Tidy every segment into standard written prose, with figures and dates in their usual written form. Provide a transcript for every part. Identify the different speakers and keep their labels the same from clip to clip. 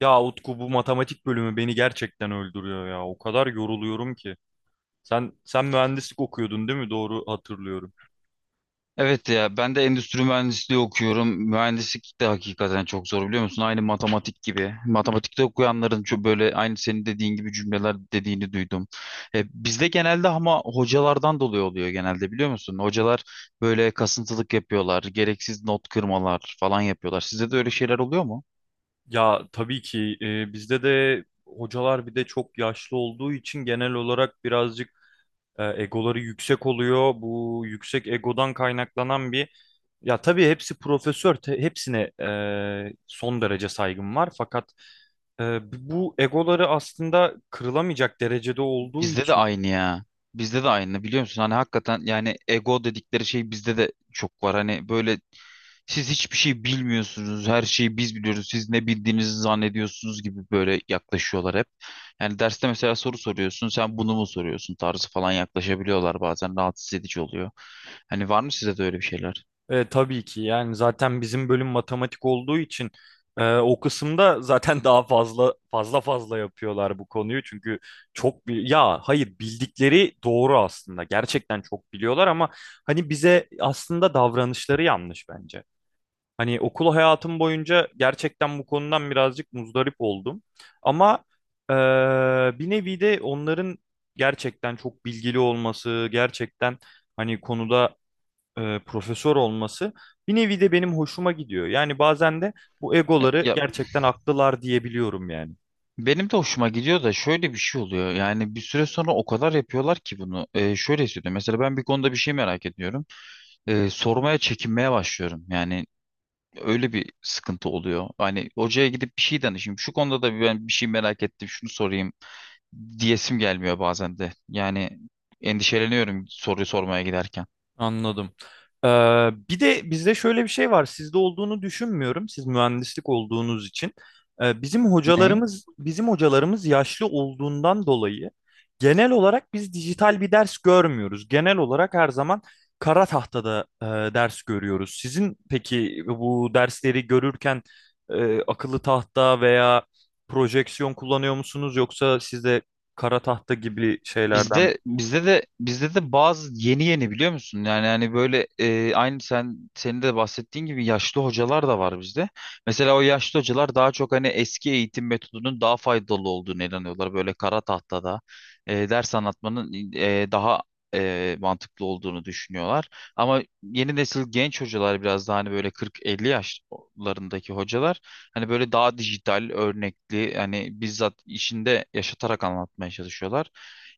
Speaker 1: Ya Utku, bu matematik bölümü beni gerçekten öldürüyor ya. O kadar yoruluyorum ki. Sen mühendislik okuyordun değil mi? Doğru hatırlıyorum.
Speaker 2: Evet ya, ben de endüstri mühendisliği okuyorum. Mühendislik de hakikaten çok zor, biliyor musun? Aynı matematik gibi. Matematikte okuyanların çok böyle aynı senin dediğin gibi cümleler dediğini duydum. Bizde genelde ama hocalardan dolayı oluyor genelde, biliyor musun? Hocalar böyle kasıntılık yapıyorlar, gereksiz not kırmalar falan yapıyorlar. Sizde de öyle şeyler oluyor mu?
Speaker 1: Ya tabii ki bizde de hocalar, bir de çok yaşlı olduğu için, genel olarak birazcık egoları yüksek oluyor. Bu yüksek egodan kaynaklanan bir, ya tabii hepsi profesör, hepsine son derece saygım var. Fakat e, bu egoları aslında kırılamayacak derecede olduğu
Speaker 2: Bizde de
Speaker 1: için.
Speaker 2: aynı ya. Bizde de aynı, biliyor musun? Hani hakikaten, yani ego dedikleri şey bizde de çok var. Hani böyle, siz hiçbir şey bilmiyorsunuz. Her şeyi biz biliyoruz. Siz ne bildiğinizi zannediyorsunuz gibi böyle yaklaşıyorlar hep. Yani derste mesela soru soruyorsun. Sen bunu mu soruyorsun tarzı falan yaklaşabiliyorlar bazen. Rahatsız edici oluyor. Hani var mı size de öyle bir şeyler?
Speaker 1: Tabii ki, yani zaten bizim bölüm matematik olduğu için o kısımda zaten daha fazla yapıyorlar bu konuyu. Çünkü çok bir, ya hayır, bildikleri doğru aslında, gerçekten çok biliyorlar ama hani bize aslında davranışları yanlış bence. Hani okul hayatım boyunca gerçekten bu konudan birazcık muzdarip oldum. Ama e, bir nevi de onların gerçekten çok bilgili olması, gerçekten hani konuda profesör olması bir nevi de benim hoşuma gidiyor. Yani bazen de bu
Speaker 2: Ya,
Speaker 1: egoları
Speaker 2: ya
Speaker 1: gerçekten haklılar diyebiliyorum yani.
Speaker 2: benim de hoşuma gidiyor da şöyle bir şey oluyor. Yani bir süre sonra o kadar yapıyorlar ki bunu. Şöyle hissediyorum. Mesela ben bir konuda bir şey merak ediyorum. Sormaya çekinmeye başlıyorum. Yani öyle bir sıkıntı oluyor. Hani hocaya gidip bir şey danışayım. Şu konuda da ben bir şey merak ettim, şunu sorayım diyesim gelmiyor bazen de. Yani endişeleniyorum soruyu sormaya giderken.
Speaker 1: Anladım. Ee, Bir de bizde şöyle bir şey var. Sizde olduğunu düşünmüyorum. Siz mühendislik olduğunuz için. Bizim
Speaker 2: Ne?
Speaker 1: hocalarımız bizim hocalarımız yaşlı olduğundan dolayı genel olarak biz dijital bir ders görmüyoruz. Genel olarak her zaman kara tahtada ders görüyoruz. Sizin peki bu dersleri görürken akıllı tahta veya projeksiyon kullanıyor musunuz, yoksa sizde kara tahta gibi şeylerden?
Speaker 2: Bizde de bazı yeni yeni, biliyor musun? Yani hani böyle, aynı senin de bahsettiğin gibi yaşlı hocalar da var bizde. Mesela o yaşlı hocalar daha çok hani eski eğitim metodunun daha faydalı olduğunu inanıyorlar. Böyle kara tahtada ders anlatmanın daha mantıklı olduğunu düşünüyorlar. Ama yeni nesil genç hocalar biraz daha, hani böyle 40-50 yaşlarındaki hocalar, hani böyle daha dijital, örnekli, hani bizzat işinde yaşatarak anlatmaya çalışıyorlar.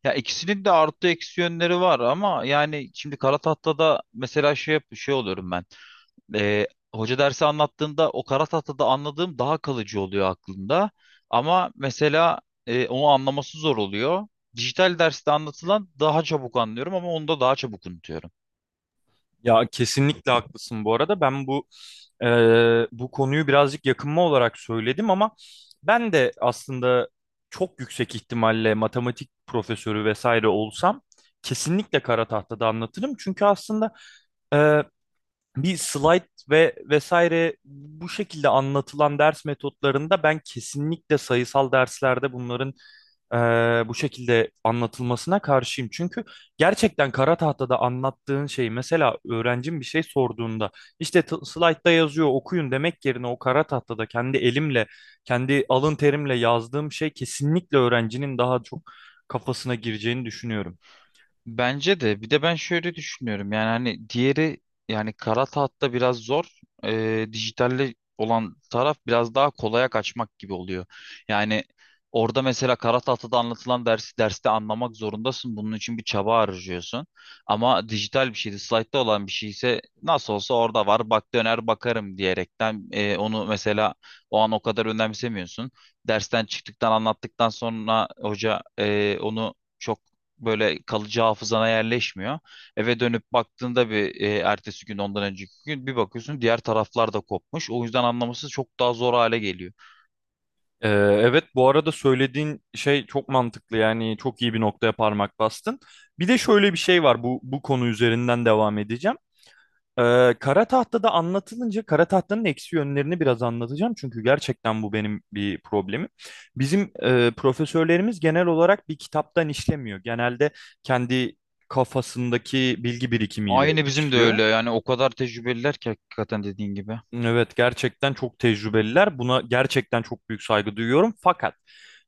Speaker 2: Ya ikisinin de artı eksi yönleri var ama, yani şimdi kara tahtada mesela şey oluyorum ben. Ee, Hoca dersi anlattığında o kara tahtada anladığım daha kalıcı oluyor aklımda. Ama mesela onu anlaması zor oluyor. Dijital derste anlatılan daha çabuk anlıyorum ama onu da daha çabuk unutuyorum.
Speaker 1: Ya kesinlikle haklısın bu arada. Ben bu e, bu konuyu birazcık yakınma olarak söyledim ama ben de aslında çok yüksek ihtimalle matematik profesörü vesaire olsam kesinlikle kara tahtada anlatırım. Çünkü aslında e, bir slide ve vesaire, bu şekilde anlatılan ders metotlarında, ben kesinlikle sayısal derslerde bunların eee, bu şekilde anlatılmasına karşıyım. Çünkü gerçekten kara tahtada anlattığın şeyi, mesela öğrencim bir şey sorduğunda işte slaytta yazıyor okuyun demek yerine, o kara tahtada kendi elimle, kendi alın terimle yazdığım şey kesinlikle öğrencinin daha çok kafasına gireceğini düşünüyorum.
Speaker 2: Bence de, bir de ben şöyle düşünüyorum, yani hani diğeri, yani kara tahtta biraz zor. Dijitalde olan taraf biraz daha kolaya kaçmak gibi oluyor. Yani orada mesela kara tahtada anlatılan dersi derste anlamak zorundasın, bunun için bir çaba harcıyorsun, ama dijital bir şeydi, slaytta olan bir şey ise nasıl olsa orada var, bak döner bakarım diyerekten onu mesela o an o kadar önemsemiyorsun. Dersten çıktıktan, anlattıktan sonra hoca, onu çok böyle kalıcı hafızana yerleşmiyor. Eve dönüp baktığında bir, ertesi gün, ondan önceki gün bir bakıyorsun, diğer taraflar da kopmuş. O yüzden anlaması çok daha zor hale geliyor.
Speaker 1: Evet, bu arada söylediğin şey çok mantıklı, yani çok iyi bir noktaya parmak bastın. Bir de şöyle bir şey var, bu konu üzerinden devam edeceğim. Kara Tahta'da anlatılınca Kara Tahta'nın eksi yönlerini biraz anlatacağım. Çünkü gerçekten bu benim bir problemim. Bizim profesörlerimiz genel olarak bir kitaptan işlemiyor. Genelde kendi kafasındaki bilgi birikimiyle
Speaker 2: Aynı bizim de
Speaker 1: işliyor.
Speaker 2: öyle, yani o kadar tecrübeliler ki hakikaten, dediğin gibi.
Speaker 1: Evet, gerçekten çok tecrübeliler. Buna gerçekten çok büyük saygı duyuyorum. Fakat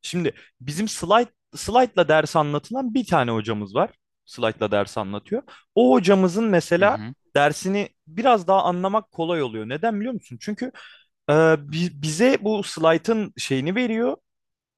Speaker 1: şimdi bizim slide'la ders anlatılan bir tane hocamız var. Slide'la ders anlatıyor. O hocamızın
Speaker 2: Hı
Speaker 1: mesela
Speaker 2: hı.
Speaker 1: dersini biraz daha anlamak kolay oluyor. Neden biliyor musun? Çünkü e, bize bu slide'ın şeyini veriyor,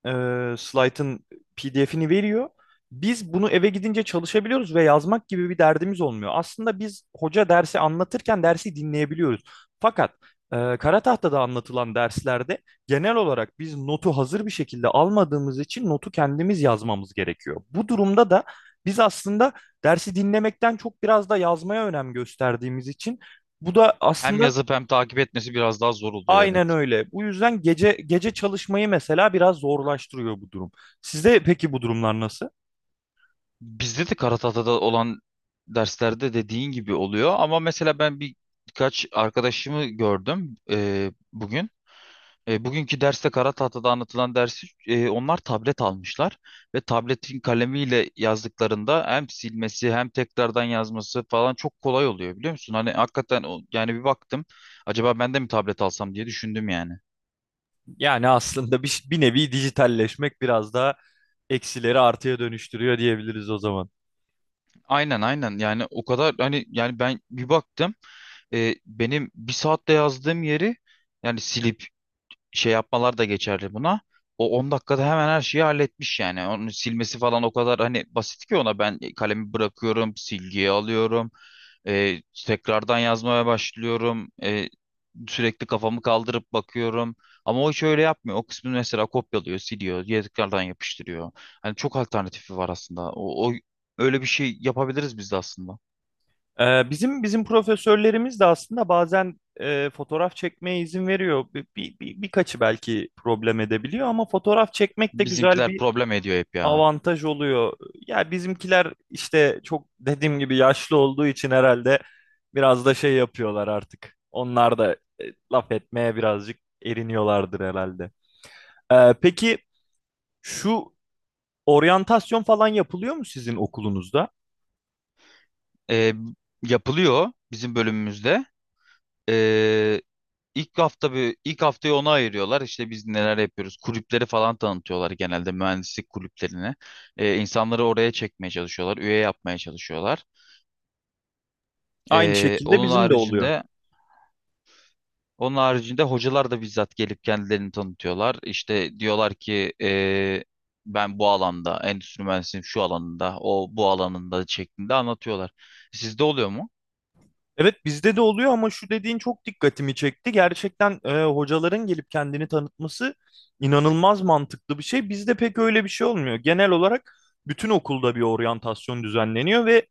Speaker 1: slaytın PDF'ini veriyor. Biz bunu eve gidince çalışabiliyoruz ve yazmak gibi bir derdimiz olmuyor. Aslında biz, hoca dersi anlatırken dersi dinleyebiliyoruz. Fakat kara tahtada anlatılan derslerde genel olarak biz notu hazır bir şekilde almadığımız için notu kendimiz yazmamız gerekiyor. Bu durumda da biz aslında dersi dinlemekten çok biraz da yazmaya önem gösterdiğimiz için, bu da
Speaker 2: Hem
Speaker 1: aslında...
Speaker 2: yazıp hem takip etmesi biraz daha zor oluyor,
Speaker 1: Aynen
Speaker 2: evet.
Speaker 1: öyle. Bu yüzden gece gece çalışmayı mesela biraz zorlaştırıyor bu durum. Sizde peki bu durumlar nasıl?
Speaker 2: Bizde de Karatata'da olan derslerde dediğin gibi oluyor, ama mesela ben birkaç arkadaşımı gördüm bugün. E, bugünkü derste kara tahtada anlatılan dersi, onlar tablet almışlar ve tabletin kalemiyle yazdıklarında hem silmesi hem tekrardan yazması falan çok kolay oluyor, biliyor musun? Hani hakikaten yani bir baktım, acaba ben de mi tablet alsam diye düşündüm, yani.
Speaker 1: Yani aslında bir, bir nevi dijitalleşmek biraz daha eksileri artıya dönüştürüyor diyebiliriz o zaman.
Speaker 2: Aynen, aynen, yani o kadar hani, yani ben bir baktım, benim bir saatte yazdığım yeri, yani silip şey yapmalar da geçerli buna. O 10 dakikada hemen her şeyi halletmiş yani. Onu silmesi falan o kadar hani basit ki, ona ben kalemi bırakıyorum, silgiyi alıyorum, e, tekrardan yazmaya başlıyorum, sürekli kafamı kaldırıp bakıyorum. Ama o hiç öyle yapmıyor. O kısmını mesela kopyalıyor, siliyor, ya tekrardan yapıştırıyor. Hani çok alternatifi var aslında. O, öyle bir şey yapabiliriz biz de aslında.
Speaker 1: Bizim profesörlerimiz de aslında bazen fotoğraf çekmeye izin veriyor. Birkaçı belki problem edebiliyor ama fotoğraf çekmek de güzel
Speaker 2: Bizimkiler
Speaker 1: bir
Speaker 2: problem ediyor hep ya.
Speaker 1: avantaj oluyor. Ya bizimkiler işte çok, dediğim gibi, yaşlı olduğu için herhalde biraz da şey yapıyorlar artık. Onlar da e, laf etmeye birazcık eriniyorlardır herhalde. Peki şu oryantasyon falan yapılıyor mu sizin okulunuzda?
Speaker 2: E, yapılıyor bizim bölümümüzde. E, ilk haftayı ona ayırıyorlar. İşte biz neler yapıyoruz? Kulüpleri falan tanıtıyorlar, genelde mühendislik kulüplerini. İnsanları oraya çekmeye çalışıyorlar, üye yapmaya çalışıyorlar.
Speaker 1: Aynı
Speaker 2: Ee,
Speaker 1: şekilde
Speaker 2: onun
Speaker 1: bizim de oluyor.
Speaker 2: haricinde onun haricinde hocalar da bizzat gelip kendilerini tanıtıyorlar. İşte diyorlar ki ben bu alanda, endüstri mühendisliğinin şu alanında, o bu alanında şeklinde anlatıyorlar. Sizde oluyor mu?
Speaker 1: Evet, bizde de oluyor ama şu dediğin çok dikkatimi çekti. Gerçekten hocaların gelip kendini tanıtması inanılmaz mantıklı bir şey. Bizde pek öyle bir şey olmuyor. Genel olarak bütün okulda bir oryantasyon düzenleniyor ve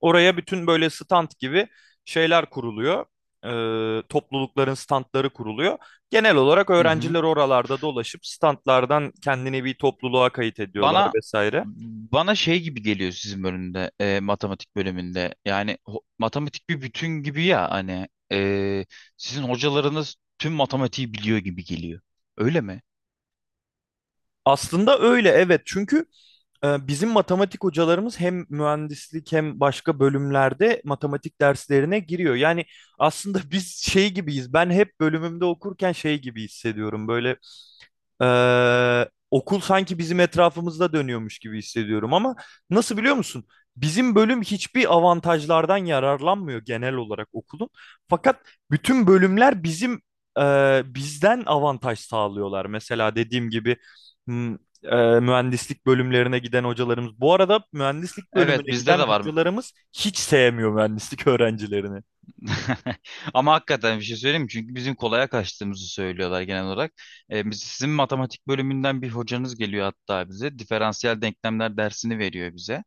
Speaker 1: oraya bütün, böyle stand gibi şeyler kuruluyor. E, toplulukların standları kuruluyor. Genel olarak
Speaker 2: Hı hı.
Speaker 1: öğrenciler oralarda dolaşıp standlardan kendini bir topluluğa kayıt ediyorlar
Speaker 2: Bana
Speaker 1: vesaire.
Speaker 2: Bana şey gibi geliyor sizin bölümde, matematik bölümünde. Yani matematik bir bütün gibi ya, hani e, sizin hocalarınız tüm matematiği biliyor gibi geliyor. Öyle mi?
Speaker 1: Aslında öyle, evet, çünkü bizim matematik hocalarımız hem mühendislik hem başka bölümlerde matematik derslerine giriyor. Yani aslında biz şey gibiyiz. Ben hep bölümümde okurken şey gibi hissediyorum. Böyle okul sanki bizim etrafımızda dönüyormuş gibi hissediyorum ama, nasıl biliyor musun? Bizim bölüm hiçbir avantajlardan yararlanmıyor genel olarak okulun. Fakat bütün bölümler bizim, bizden avantaj sağlıyorlar. Mesela dediğim gibi m- mühendislik bölümlerine giden hocalarımız. Bu arada mühendislik
Speaker 2: Evet,
Speaker 1: bölümüne
Speaker 2: bizde
Speaker 1: giden
Speaker 2: de var.
Speaker 1: hocalarımız hiç sevmiyor mühendislik öğrencilerini.
Speaker 2: Ama hakikaten bir şey söyleyeyim mi? Çünkü bizim kolaya kaçtığımızı söylüyorlar genel olarak. E, biz, sizin matematik bölümünden bir hocanız geliyor hatta bize. Diferansiyel denklemler dersini veriyor bize.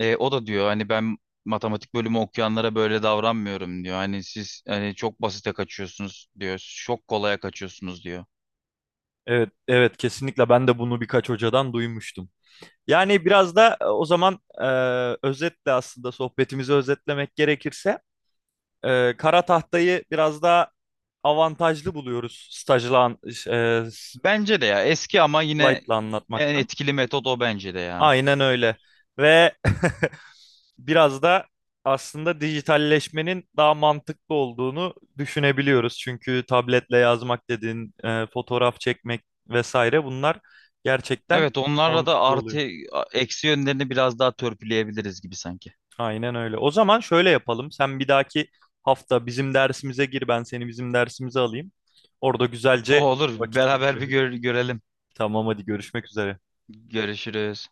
Speaker 2: E, o da diyor hani, ben matematik bölümü okuyanlara böyle davranmıyorum diyor. Hani siz hani çok basite kaçıyorsunuz diyor. Çok kolaya kaçıyorsunuz diyor.
Speaker 1: Evet, evet, kesinlikle ben de bunu birkaç hocadan duymuştum. Yani biraz da o zaman, özetle, aslında sohbetimizi özetlemek gerekirse, kara tahtayı biraz daha avantajlı buluyoruz stajla, e,
Speaker 2: Bence de ya, eski ama yine
Speaker 1: slaytla
Speaker 2: en
Speaker 1: anlatmaktan.
Speaker 2: etkili metot o, bence de ya.
Speaker 1: Aynen öyle. Ve biraz da aslında dijitalleşmenin daha mantıklı olduğunu düşünebiliyoruz. Çünkü tabletle yazmak dediğin, fotoğraf çekmek vesaire, bunlar gerçekten
Speaker 2: Evet, onlarla da
Speaker 1: mantıklı oluyor.
Speaker 2: eksi yönlerini biraz daha törpüleyebiliriz gibi sanki.
Speaker 1: Aynen öyle. O zaman şöyle yapalım. Sen bir dahaki hafta bizim dersimize gir, ben seni bizim dersimize alayım. Orada
Speaker 2: O
Speaker 1: güzelce
Speaker 2: olur,
Speaker 1: vakit
Speaker 2: beraber
Speaker 1: geçirelim.
Speaker 2: görelim.
Speaker 1: Tamam, hadi görüşmek üzere.
Speaker 2: Görüşürüz.